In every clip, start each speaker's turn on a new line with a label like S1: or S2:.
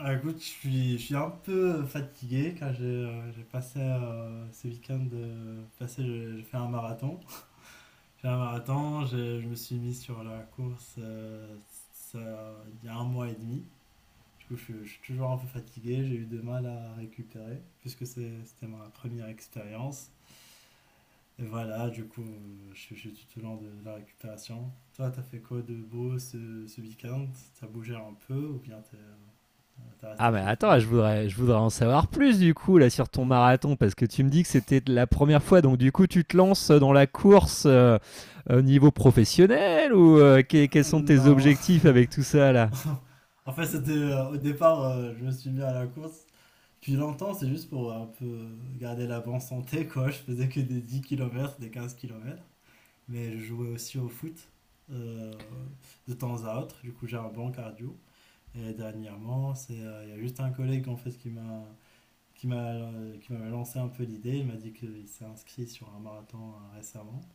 S1: Ah, écoute, je suis un peu fatigué car j'ai passé ce week-end passé, j'ai fait un marathon. J'ai fait un marathon, je me suis mis sur la course il y a un mois et demi. Du coup, je suis toujours un peu fatigué, j'ai eu de mal à récupérer puisque c'était ma première expérience. Et voilà, du coup, je suis tout au long de la récupération. Toi, t'as fait quoi de beau ce, ce week-end? T'as bougé un peu ou bien t'as resté
S2: Ah mais
S1: chez
S2: attends,
S1: toi?
S2: je voudrais en savoir plus du coup là sur ton marathon parce que tu me dis que c'était la première fois, donc du coup tu te lances dans la course au niveau professionnel ou quels sont tes
S1: Non.
S2: objectifs avec tout ça là?
S1: En fait, c'était au départ, je me suis mis à la course depuis longtemps, c'est juste pour un peu garder la bonne santé, quoi. Je faisais que des 10 km des 15 km. Mais je jouais aussi au foot euh, de temps à autre. Du coup, j'ai un bon cardio. Et dernièrement, il y a juste un collègue en fait qui m'a qui m'avait lancé un peu l'idée. Il m'a dit qu'il s'est inscrit sur un marathon récemment.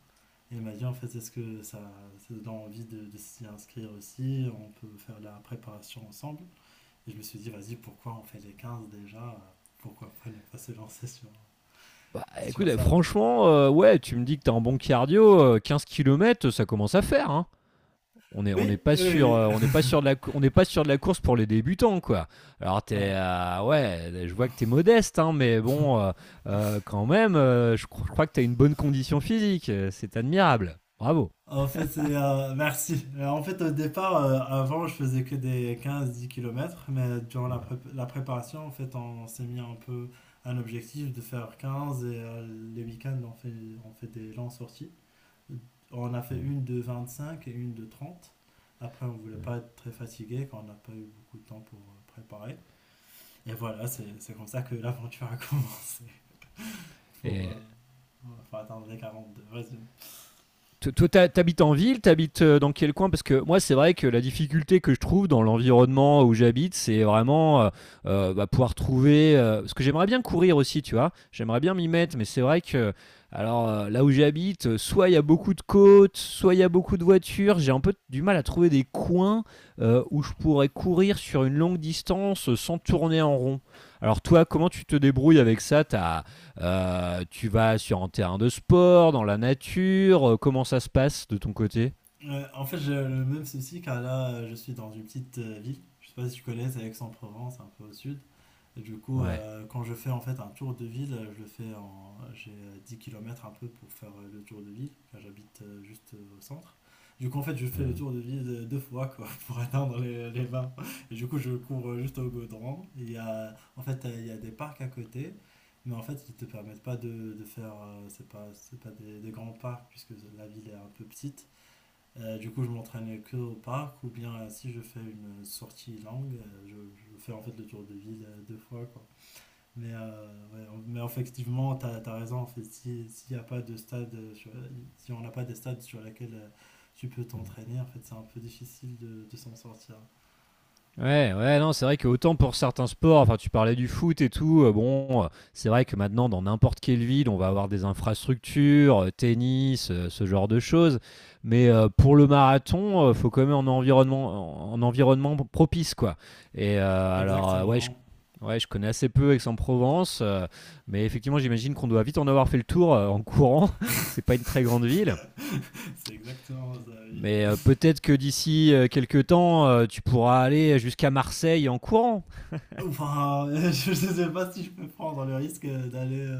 S1: Et il m'a dit en fait est-ce que ça donne envie de s'y inscrire aussi, on peut faire la préparation ensemble. Et je me suis dit vas-y pourquoi on fait les 15 déjà, pourquoi pas ne pas se lancer
S2: Bah
S1: sur
S2: écoute,
S1: ça.
S2: franchement, ouais, tu me dis que t'es en bon cardio, 15 km, ça commence à faire, hein. On n'est
S1: Oui,
S2: pas sûr
S1: oui,
S2: on n'est pas sûr de la on n'est pas sûr de la course pour les débutants, quoi. Alors t'es
S1: ouais.
S2: ouais, je vois que t'es modeste, hein, mais bon quand même je crois que t'as une bonne condition physique, c'est admirable. Bravo.
S1: En fait, merci. En fait, au départ, avant, je faisais que des 15 10 km mais durant
S2: Ouais,
S1: la préparation, en fait, on s'est mis un peu un objectif de faire 15 et les week-ends, on fait des longues sorties. On a fait
S2: ouais,
S1: une de 25 et une de 30. Après, on ne voulait
S2: ouais.
S1: pas être très fatigué quand on n'a pas eu beaucoup de temps pour préparer. Et voilà, c'est comme ça que l'aventure a commencé pour, euh, pour atteindre les 42. Vas-y.
S2: Toi, t'habites en ville, t'habites dans quel coin? Parce que moi, c'est vrai que la difficulté que je trouve dans l'environnement où j'habite, c'est vraiment bah, pouvoir trouver. Parce que j'aimerais bien courir aussi, tu vois. J'aimerais bien m'y mettre, mais c'est vrai que, alors là où j'habite, soit il y a beaucoup de côtes, soit il y a beaucoup de voitures. J'ai un peu du mal à trouver des coins où je pourrais courir sur une longue distance sans tourner en rond. Alors toi, comment tu te débrouilles avec ça? T'as tu vas sur un terrain de sport, dans la nature? Comment ça se passe de ton côté?
S1: En fait, j'ai le même souci car là, je suis dans une petite ville. Je ne sais pas si tu connais, c'est Aix-en-Provence, un peu au sud. Et du coup,
S2: Ouais.
S1: quand je fais en fait un tour de ville, je le fais en. J'ai 10 km un peu pour faire le tour de ville. Là, j'habite juste au centre. Du coup, en fait, je fais le
S2: Mhm.
S1: tour de ville deux fois quoi, pour atteindre les 20. Et du coup, je cours juste au Gaudran. Il y a, en fait, il y a des parcs à côté, mais en fait, ils te permettent pas de faire. C'est pas des grands parcs puisque la ville est un peu petite. Du coup, je m'entraîne que au parc ou bien si je fais une sortie longue, je fais en fait le tour de ville deux fois quoi. Mais effectivement, tu as raison. En fait, si, s'il y a pas de stade, si on n'a pas des stades sur lesquels tu peux t'entraîner, en fait, c'est un peu difficile de s'en sortir.
S2: Ouais, ouais, non, c'est vrai que autant pour certains sports, enfin tu parlais du foot et tout, bon, c'est vrai que maintenant dans n'importe quelle ville, on va avoir des infrastructures, tennis, ce genre de choses. Mais, pour le marathon, faut quand même un environnement propice, quoi. Et, ouais, je
S1: Exactement.
S2: ouais, je connais assez peu Aix-en-Provence, mais effectivement, j'imagine qu'on doit vite en avoir fait le tour, en courant. C'est pas une très grande ville.
S1: C'est exactement ça, oui.
S2: Mais, peut-être que d'ici, quelque temps, tu pourras aller jusqu'à Marseille en courant.
S1: Enfin, je ne sais pas si je peux prendre le risque d'aller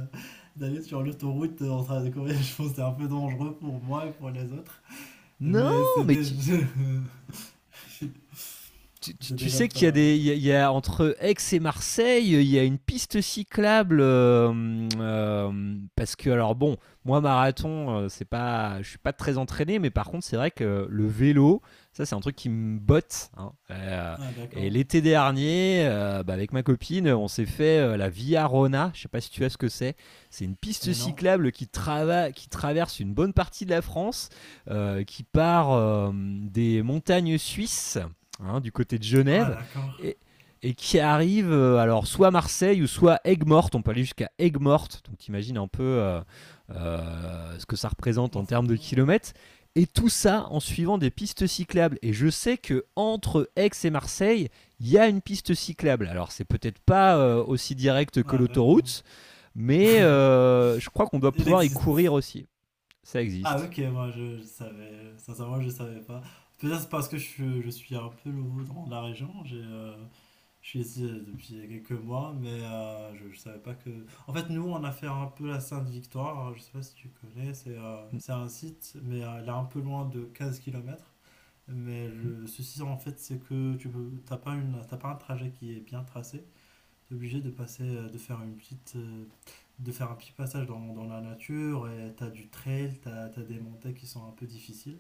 S1: d'aller sur l'autoroute en train de courir. Je pense que c'est un peu dangereux pour moi et pour les autres.
S2: Non,
S1: Mais c'est
S2: mais
S1: déjà... c'est
S2: tu
S1: déjà
S2: sais
S1: pas
S2: qu'il y a
S1: mal.
S2: il y a entre Aix et Marseille, il y a une piste cyclable parce que alors bon, moi marathon, c'est pas, je suis pas très entraîné, mais par contre c'est vrai que le vélo, ça c'est un truc qui me botte, hein.
S1: Ah,
S2: Et
S1: d'accord.
S2: l'été dernier, bah, avec ma copine, on s'est fait la Via Rona. Je sais pas si tu vois ce que c'est. C'est une piste
S1: Et non.
S2: cyclable qui, qui traverse une bonne partie de la France, qui part des montagnes suisses, hein, du côté de
S1: Ah,
S2: Genève,
S1: d'accord.
S2: et, et qui arrive alors soit à Marseille ou soit Aigues-Mortes. On peut aller jusqu'à Aigues-Mortes, donc t'imagines un peu ce que ça représente
S1: Ah,
S2: en
S1: c'est
S2: termes de
S1: bien.
S2: kilomètres. Et tout ça en suivant des pistes cyclables. Et je sais que entre Aix et Marseille, il y a une piste cyclable. Alors c'est peut-être pas aussi direct que
S1: Ah, d'accord.
S2: l'autoroute, mais je crois qu'on doit
S1: Il
S2: pouvoir y
S1: existe.
S2: courir aussi. Ça
S1: Ah,
S2: existe.
S1: ok, je savais. Sincèrement, je savais pas. Peut-être c'est parce que je suis un peu nouveau dans la région. Je suis ici depuis quelques mois, mais je savais pas que. En fait, nous, on a fait un peu la Sainte-Victoire. Je sais pas si tu connais. C'est un site, mais elle est un peu loin de 15 km. Mais le souci, en fait, c'est que t'as pas t'as pas un trajet qui est bien tracé. T'es obligé de passer, de faire une petite, de faire un petit passage dans la nature et t'as du trail, t'as des montées qui sont un peu difficiles.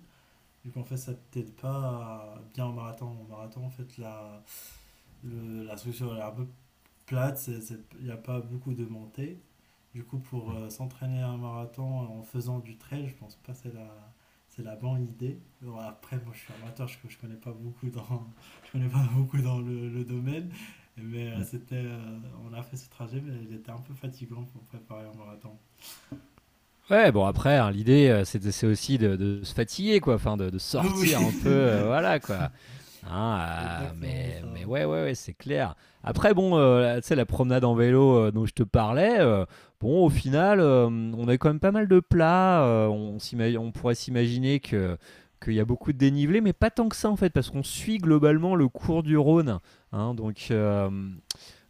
S1: Vu qu'en fait, ça t'aide pas à- bien en marathon. En marathon, en fait, la structure elle est un peu plate, il n'y a pas beaucoup de montées. Du coup, pour s'entraîner à un marathon en faisant du trail, je pense pas que c'est la bonne idée. Bon, après, moi, je suis amateur, je connais pas beaucoup dans, je connais pas beaucoup dans le domaine, mais
S2: Mm.
S1: on a fait ce trajet, mais il était un peu fatigant pour préparer un marathon.
S2: Ouais, bon après, hein, l'idée, c'est aussi de se fatiguer, quoi, enfin, de
S1: Oui,
S2: sortir
S1: c'est
S2: un peu, voilà, quoi. Hein,
S1: exactement ça.
S2: mais ouais, ouais, ouais, c'est clair. Après, bon, tu sais, la promenade en vélo dont je te parlais, bon, au final, on a quand même pas mal de plats. On pourrait s'imaginer que qu'il y a beaucoup de dénivelé, mais pas tant que ça, en fait, parce qu'on suit globalement le cours du Rhône, hein, donc, euh,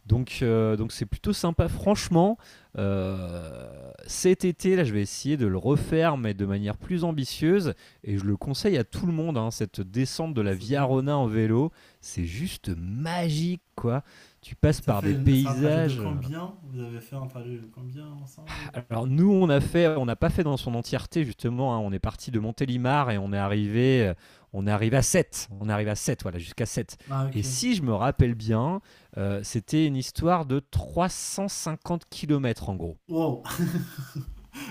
S2: donc, euh, donc c'est plutôt sympa. Franchement, cet été, là, je vais essayer de le refaire, mais de manière plus ambitieuse. Et je le conseille à tout le monde, hein, cette descente de
S1: On
S2: la
S1: se
S2: Via
S1: bien.
S2: Rona en vélo. C'est juste magique, quoi. Tu
S1: Et
S2: passes
S1: ça
S2: par
S1: fait,
S2: des
S1: c'est un trajet de
S2: paysages.
S1: combien? Vous avez fait un trajet de combien ensemble?
S2: Alors nous, on n'a pas fait dans son entièreté justement, hein. On est parti de Montélimar et on est arrivé, On arrive à 7, voilà, jusqu'à 7.
S1: Ah,
S2: Et
S1: ok.
S2: si je me rappelle bien, c'était une histoire de 350 kilomètres en gros.
S1: Wow,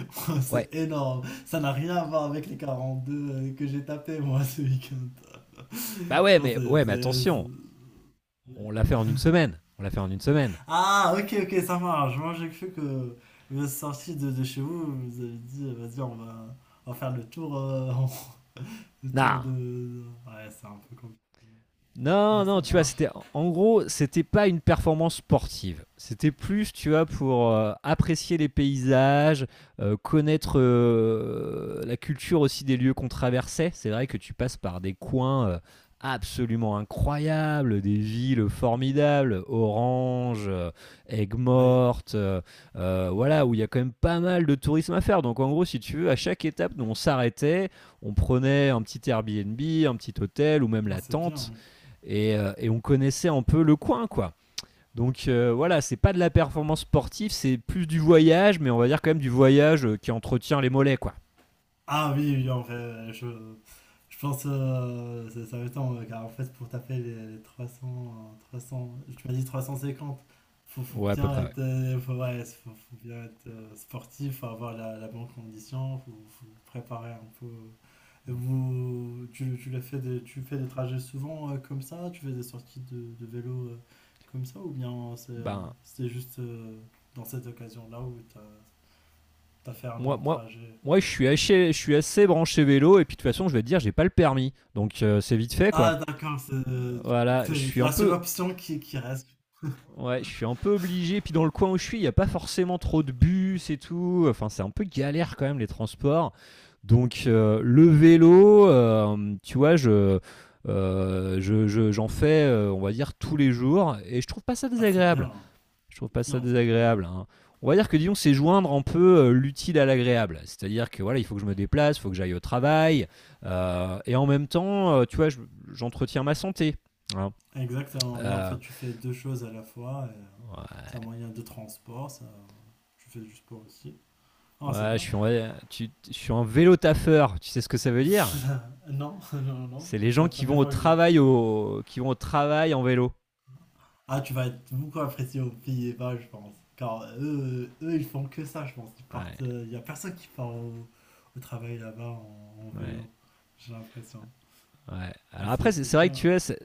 S2: Ouais.
S1: c'est énorme. Ça n'a rien à voir avec les 42 que j'ai tapé moi ce week-end.
S2: Bah
S1: Je pense que
S2: ouais, mais
S1: c'est-
S2: attention, on l'a fait en une semaine. On l'a fait en une semaine.
S1: Ah, ok, ok, ça marche. Moi, j'ai cru que vous êtes sorti de chez vous, vous avez dit, vas-y, on va faire le tour, le tour
S2: Nah,
S1: de- Ouais, c'est un peu compliqué. Ah,
S2: Non,
S1: ça
S2: non, tu vois,
S1: marche.
S2: c'était en gros, c'était pas une performance sportive. C'était plus, tu vois, pour apprécier les paysages, connaître la culture aussi des lieux qu'on traversait. C'est vrai que tu passes par des coins absolument incroyables, des villes formidables, Orange,
S1: Ouais,
S2: Aigues-Mortes, voilà, où il y a quand même pas mal de tourisme à faire. Donc en gros, si tu veux, à chaque étape, nous on s'arrêtait, on prenait un petit Airbnb, un petit hôtel ou même
S1: non,
S2: la
S1: c'est bien.
S2: tente, et on connaissait un peu le coin, quoi. Donc voilà, c'est pas de la performance sportive, c'est plus du voyage, mais on va dire quand même du voyage qui entretient les mollets, quoi.
S1: Ah oui, oui, en fait, je pense ça, ça va être temps, car en fait, pour taper les 300, 300, tu m'as dit 350. Faut
S2: Ouais, à peu
S1: bien
S2: près, ouais.
S1: être, faut bien être sportif, faut avoir la bonne condition, faut préparer un peu. Et vous, tu fais des trajets souvent comme ça, tu fais des sorties de vélo comme ça, ou bien
S2: Ben,
S1: c'est juste dans cette occasion-là où tu as fait un
S2: moi,
S1: long
S2: moi,
S1: trajet.
S2: moi, je suis assez branché vélo, et puis de toute façon, je vais te dire, j'ai pas le permis, donc c'est vite fait, quoi.
S1: Ah d'accord,
S2: Voilà, je
S1: c'est
S2: suis un
S1: la seule
S2: peu,
S1: option qui reste.
S2: ouais, je suis un peu obligé. Puis dans le coin où je suis, il n'y a pas forcément trop de bus et tout. Enfin, c'est un peu galère quand même les transports. Donc le vélo, tu vois, j'en fais, on va dire, tous les jours. Et je trouve pas ça
S1: Ah c'est
S2: désagréable.
S1: bien,
S2: Je trouve pas ça
S1: c'est bien.
S2: désagréable, hein. On va dire que disons, c'est joindre un peu l'utile à l'agréable. C'est-à-dire que voilà, il faut que je me déplace, il faut que j'aille au travail. Et en même temps, tu vois, j'entretiens ma santé, hein.
S1: Exactement, oui, en
S2: Euh,
S1: fait tu fais deux choses à la fois, c'est un moyen de transport, ça, tu fais du sport aussi. Ah c'est
S2: Ouais,
S1: bien.
S2: je suis un vélo taffeur. Tu sais ce que ça veut dire?
S1: Non, non, non, non,
S2: C'est les
S1: c'est
S2: gens
S1: la première fois que je...
S2: qui vont au travail en vélo.
S1: Ah tu vas être beaucoup apprécié aux Pays-Bas je pense, car eux ils font que ça je pense, ils partent,
S2: Ouais,
S1: il n'y a personne qui part au travail là-bas en vélo,
S2: ouais.
S1: j'ai l'impression.
S2: Ouais. Alors
S1: C'est
S2: après, c'est
S1: c'est
S2: c'est vrai que
S1: bien.
S2: tu es, c'est-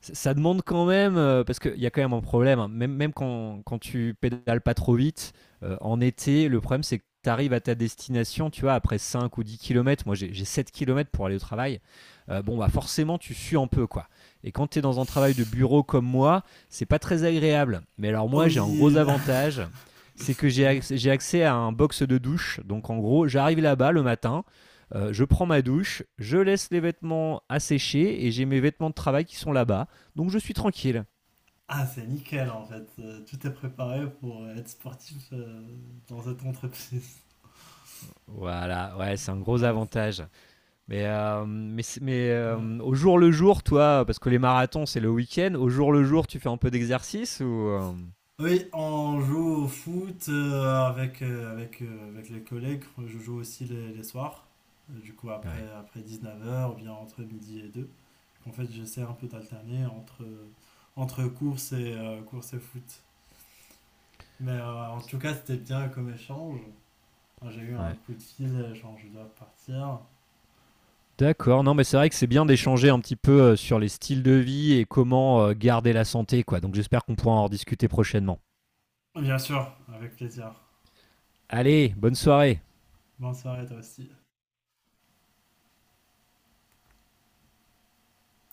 S2: c'est- ça demande quand même, parce qu'il y a quand même un problème, hein. Même, quand tu pédales pas trop vite, en été, le problème c'est que tu arrives à ta destination, tu vois, après 5 ou 10 kilomètres. Moi j'ai 7 km pour aller au travail, bon bah forcément tu sues un peu, quoi. Et quand tu es dans un travail de bureau comme moi, c'est pas très agréable. Mais alors
S1: Oh
S2: moi j'ai un gros
S1: oui,
S2: avantage, c'est que
S1: oui.
S2: j'ai accès à un box de douche, donc en gros j'arrive là-bas le matin, je prends ma douche, je laisse les vêtements à sécher et j'ai mes vêtements de travail qui sont là-bas. Donc je suis tranquille.
S1: Ah, c'est nickel en fait. Tout est préparé pour être sportif dans cette entreprise.
S2: Voilà, ouais, c'est un gros
S1: Ouais,
S2: avantage. Mais,
S1: ouais.
S2: au jour le jour, toi, parce que les marathons, c'est le week-end, au jour le jour, tu fais un peu d'exercice ou...
S1: Oui, on joue au foot avec les collègues. Je joue aussi les soirs. Du coup,
S2: ouais,
S1: après 19 h ou bien entre midi et 2. En fait, j'essaie un peu d'alterner entre course course et foot. Mais en tout cas, c'était bien comme échange. Enfin, j'ai eu un
S2: ouais.
S1: coup de fil, genre je dois partir.
S2: D'accord, non, mais c'est vrai que c'est bien d'échanger un petit peu sur les styles de vie et comment garder la santé, quoi. Donc j'espère qu'on pourra en rediscuter prochainement.
S1: Bien sûr, avec plaisir.
S2: Allez, bonne soirée.
S1: Bonne soirée, toi aussi.